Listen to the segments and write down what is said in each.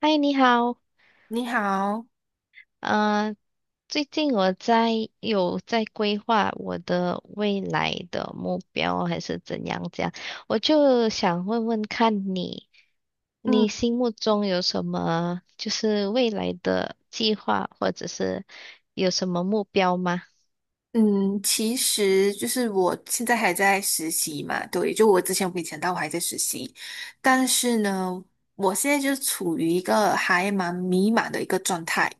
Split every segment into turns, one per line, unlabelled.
嗨，你好，
你好。
嗯，最近我在规划我的未来的目标还是怎样这样，我就想问问看你，你
嗯
心目中有什么就是未来的计划，或者是有什么目标吗？
嗯，其实就是我现在还在实习嘛，对，就我之前我跟你讲到我还在实习，但是呢，我现在就处于一个还蛮迷茫的一个状态，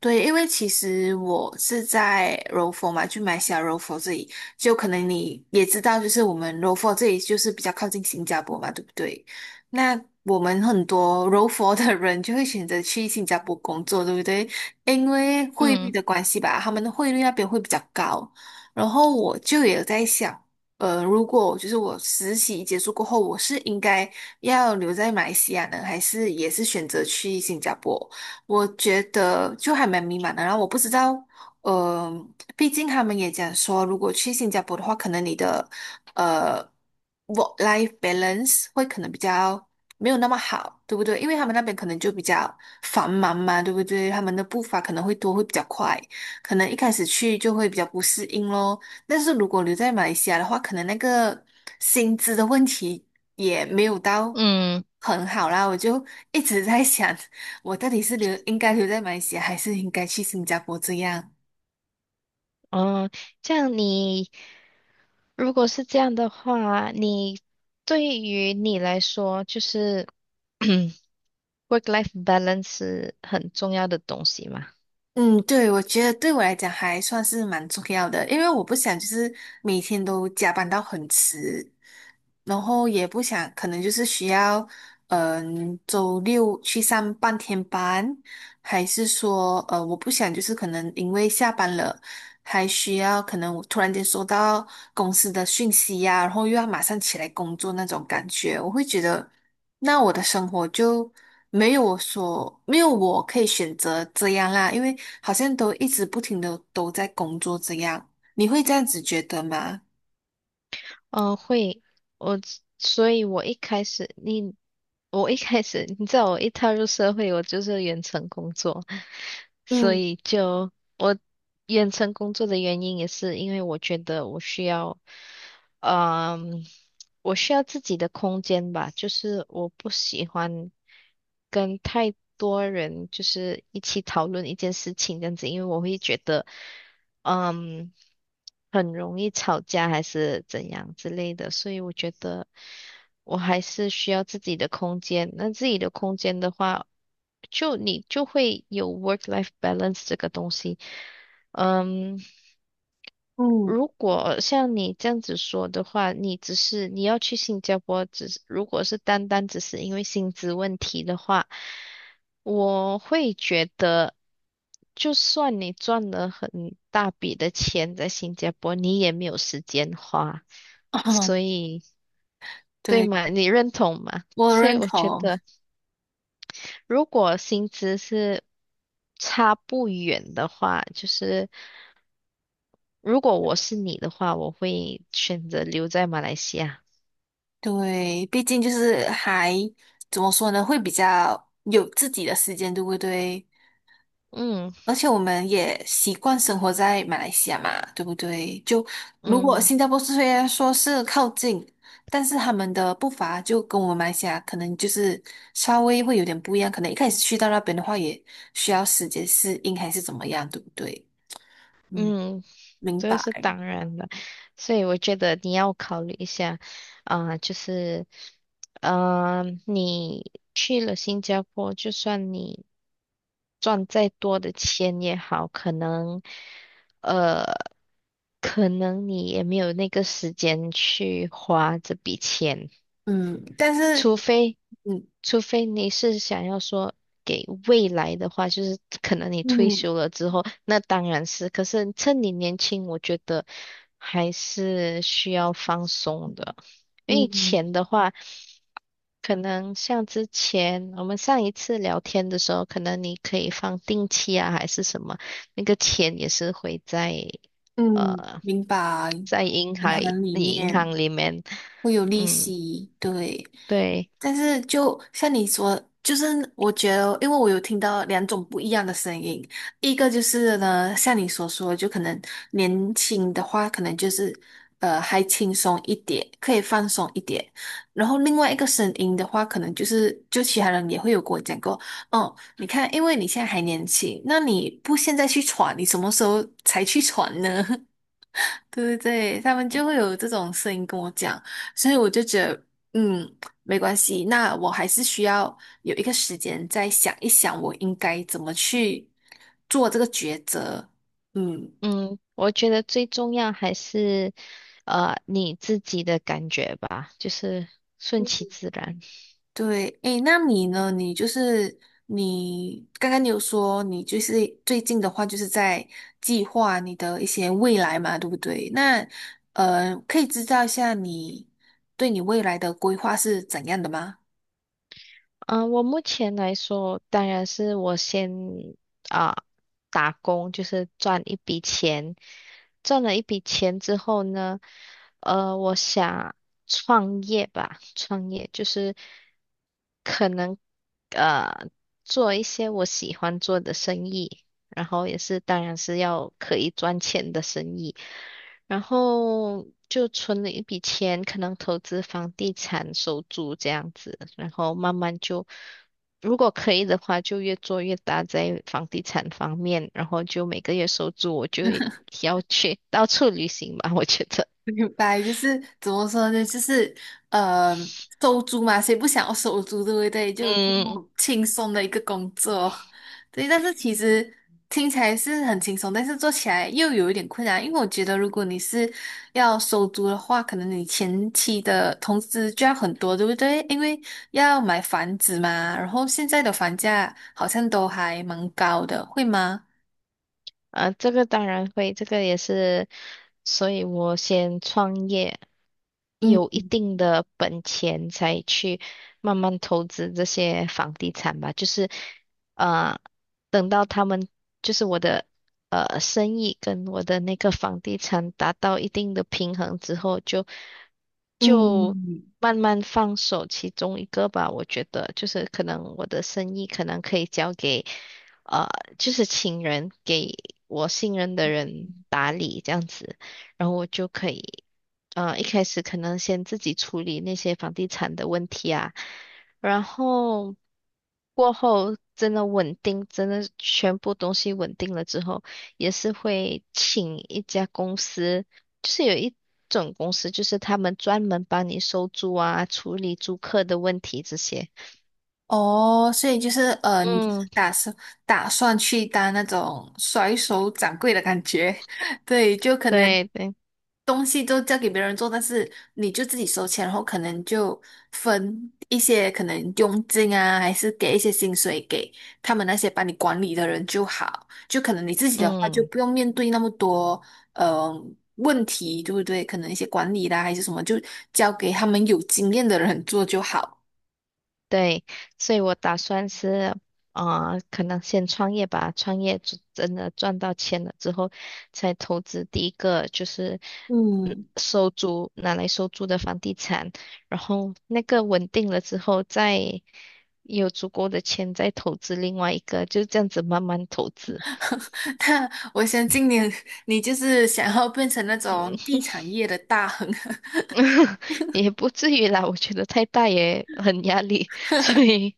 对，因为其实我是在柔佛嘛，就马来西亚柔佛这里，就可能你也知道，就是我们柔佛这里就是比较靠近新加坡嘛，对不对？那我们很多柔佛的人就会选择去新加坡工作，对不对？因为汇率
嗯
的关系吧，他们的汇率那边会比较高。然后我就也在想，如果就是我实习结束过后，我是应该要留在马来西亚呢，还是也是选择去新加坡？我觉得就还蛮迷茫的。然后我不知道，呃，毕竟他们也讲说，如果去新加坡的话，可能你的呃 work life balance 会可能比较没有那么好，对不对？因为他们那边可能就比较繁忙嘛，对不对？他们的步伐可能会多，会比较快，可能一开始去就会比较不适应咯。但是如果留在马来西亚的话，可能那个薪资的问题也没有到
嗯，
很好啦。我就一直在想，我到底是应该留在马来西亚，还是应该去新加坡这样？
哦，这样你如果是这样的话，你对于你来说就是。work-life balance 是很重要的东西嘛？
嗯，对，我觉得对我来讲还算是蛮重要的，因为我不想就是每天都加班到很迟，然后也不想可能就是需要，嗯，周六去上半天班，还是说，我不想就是可能因为下班了，还需要可能我突然间收到公司的讯息呀、然后又要马上起来工作那种感觉，我会觉得。那我的生活就没有我可以选择这样啦，因为好像都一直不停的都在工作这样，你会这样子觉得吗？
会，我，所以我一开始，我一开始，你知道，我一踏入社会，我就是远程工作，所
嗯
以我远程工作的原因也是因为我觉得我需要。嗯，我需要自己的空间吧，就是我不喜欢跟太多人就是一起讨论一件事情这样子，因为我会觉得，嗯，很容易吵架还是怎样之类的，所以我觉得我还是需要自己的空间。那自己的空间的话，就你就会有 work-life balance 这个东西，嗯。
嗯。
如果像你这样子说的话，你只是你要去新加坡，只是如果是单单只是因为薪资问题的话，我会觉得，就算你赚了很大笔的钱在新加坡，你也没有时间花，所 以对
对，
吗？你认同吗？
我
所以
认
我觉
同。
得，如果薪资是差不远的话，就是如果我是你的话，我会选择留在马来西亚。
对，毕竟就是还怎么说呢，会比较有自己的时间，对不对？
嗯
而且我们也习惯生活在马来西亚嘛，对不对？就如果
嗯
新加坡虽然说是靠近，但是他们的步伐就跟我们马来西亚可能就是稍微会有点不一样，可能一开始去到那边的话，也需要时间适应还是怎么样，对不对？嗯，
嗯，
明
这个
白。
是当然的，所以我觉得你要考虑一下，啊、就是，你去了新加坡，就算你赚再多的钱也好，呃，可能你也没有那个时间去花这笔钱。
嗯，但是
除非
嗯
除非你是想要说给未来的话，就是可能你退
嗯
休了之后，那当然是。可是趁你年轻，我觉得还是需要放松的，因为
嗯
钱的话，可能像之前我们上一次聊天的时候，可能你可以放定期啊，还是什么，那个钱也是会
嗯，
呃
明白。
在银
银
行
行里
银
面。
行里面，
会有利
嗯，
息，对。
对。
但是就像你说，就是我觉得，因为我有听到两种不一样的声音，一个就是呢，像你所说，就可能年轻的话，可能就是还轻松一点，可以放松一点。然后另外一个声音的话，可能就是就其他人也会有跟我讲过，哦，你看，因为你现在还年轻，那你不现在去闯，你什么时候才去闯呢？对对对，他们就会有这种声音跟我讲，所以我就觉得，嗯，没关系，那我还是需要有一个时间再想一想，我应该怎么去做这个抉择。嗯，
嗯，我觉得最重要还是你自己的感觉吧，就是顺其自然。
对，诶，那你呢？你就是你刚刚你有说你就是最近的话，就是在计划你的一些未来嘛，对不对？那可以知道一下你对你未来的规划是怎样的吗？
嗯、我目前来说，当然是我先啊、打工，就是赚一笔钱。赚了一笔钱之后呢，我想创业吧，创业就是。可能呃做一些我喜欢做的生意，然后也是当然是要可以赚钱的生意，然后就存了一笔钱，可能投资房地产、收租这样子，然后慢慢就如果可以的话，就越做越大在房地产方面，然后就每个月收租，我就要去到处旅行吧，我觉得。
明白，就是怎么说呢？就是呃，收租嘛，谁不想要收租，对不对？就这
嗯，
么轻松的一个工作，对。但是其实听起来是很轻松，但是做起来又有一点困难，因为我觉得如果你是要收租的话，可能你前期的投资就要很多，对不对？因为要买房子嘛，然后现在的房价好像都还蛮高的，会吗？
啊，这个当然会，这个也是，所以我先创业，
嗯
有一定的本钱才去慢慢投资这些房地产吧。呃，等到他们就是我的生意跟我的那个房地产达到一定的平衡之后，就
嗯。
慢慢放手其中一个吧。我觉得就是可能我的生意可能可以交给呃，就是请人给我信任的人打理这样子。然后我就可以。嗯，一开始可能先自己处理那些房地产的问题啊，然后过后真的稳定，真的全部东西稳定了之后，也是会请一家公司，就是有一种公司，就是他们专门帮你收租啊，处理租客的问题这些。
哦，所以就是你就是
嗯，
打算去当那种甩手掌柜的感觉。对，就可能
对对，
东西都交给别人做，但是你就自己收钱，然后可能就分一些可能佣金啊，还是给一些薪水给他们那些帮你管理的人就好，就可能你自己的话就
嗯。
不用面对那么多呃问题，对不对？可能一些管理啦还是什么，就交给他们有经验的人做就好。
对，所以我打算是，啊，可能先创业吧，创业就真的赚到钱了之后，才投资第一个就是嗯
嗯。
收租，拿来收租的房地产，然后那个稳定了之后，再有足够的钱再投资另外一个，就这样子慢慢投资，
那我相信你，你就是想要变成那种地产业的大亨。
也不至于啦，我觉得太大也很压力，所以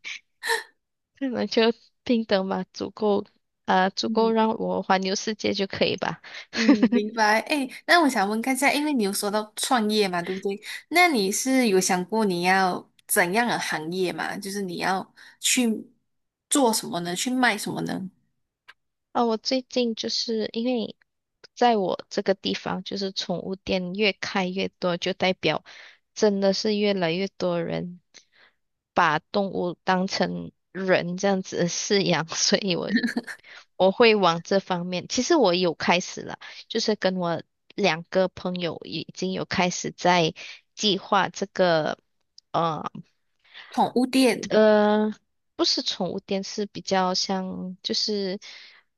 可能就平等吧，足够，啊，足够
嗯
让我环游世界就可以吧。
嗯，明白。哎，那我想问看一下，因为你有说到创业嘛，对不对？那你是有想过你要怎样的行业嘛？就是你要去做什么呢？去卖什么呢？
啊，我最近就是因为在我这个地方，就是宠物店越开越多，就代表真的是越来越多人把动物当成人这样子饲养，所以我会往这方面。其实我有开始了，就是跟我两个朋友已经有开始在计划这个。呃
宠物店。
呃，不是宠物店，是比较像就是，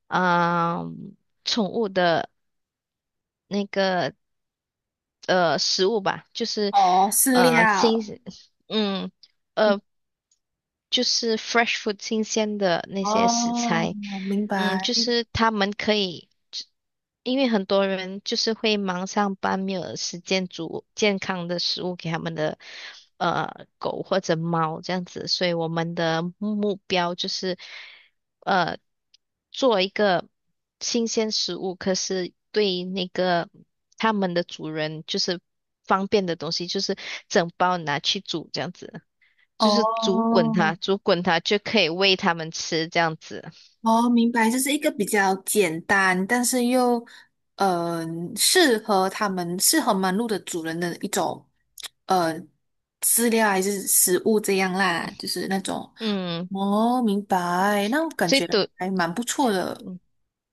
嗯、宠物的那个食物吧，就是
哦，饲
呃新，
料。
嗯呃就是 fresh food 新鲜的那些食
哦，
材，
明
嗯，
白。
就是他们可以。因为很多人就是会忙上班，没有时间煮健康的食物给他们的狗或者猫这样子，所以我们的目标就是呃做一个新鲜食物，可是对那个他们的主人就是方便的东西，就是整包拿去煮这样子，就是煮
哦，
滚它，煮滚它就可以喂它们吃这样子。
哦，明白，这是一个比较简单，但是又嗯适合他们适合忙碌的主人的一种呃饲料还是食物这样啦，就是那种。
嗯，
哦，明白，那我感
最
觉
多。
还蛮不错的，
嗯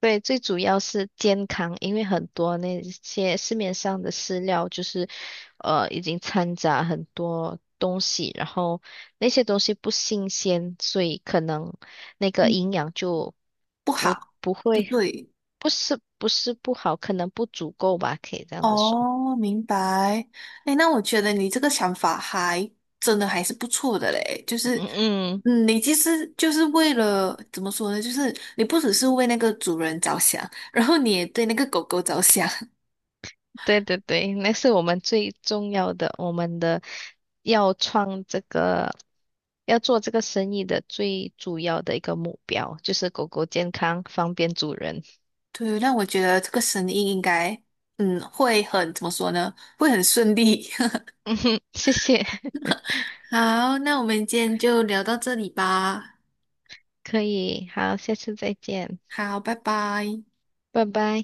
对，最主要是健康，因为很多那些市面上的饲料就是，呃，已经掺杂很多东西，然后那些东西不新鲜，所以可能那个
嗯，
营养就
不
不
好，
不
不
会，
对。
不好，可能不足够吧，可以这样子说。
哦，明白。哎，那我觉得你这个想法还真的还是不错的嘞。就是，
嗯嗯，
嗯，你其实就是为了怎么说呢？就是你不只是为那个主人着想，然后你也对那个狗狗着想。
对对对，那是我们最重要的，我们的要创这个。要做这个生意的最主要的一个目标就是狗狗健康，方便主人。
对，那我觉得这个生意应该，嗯，会很怎么说呢？会很顺利。
嗯哼，谢谢，
好，那我们今天就聊到这里吧。
可以，好，下次再见，
好，拜拜。
拜拜。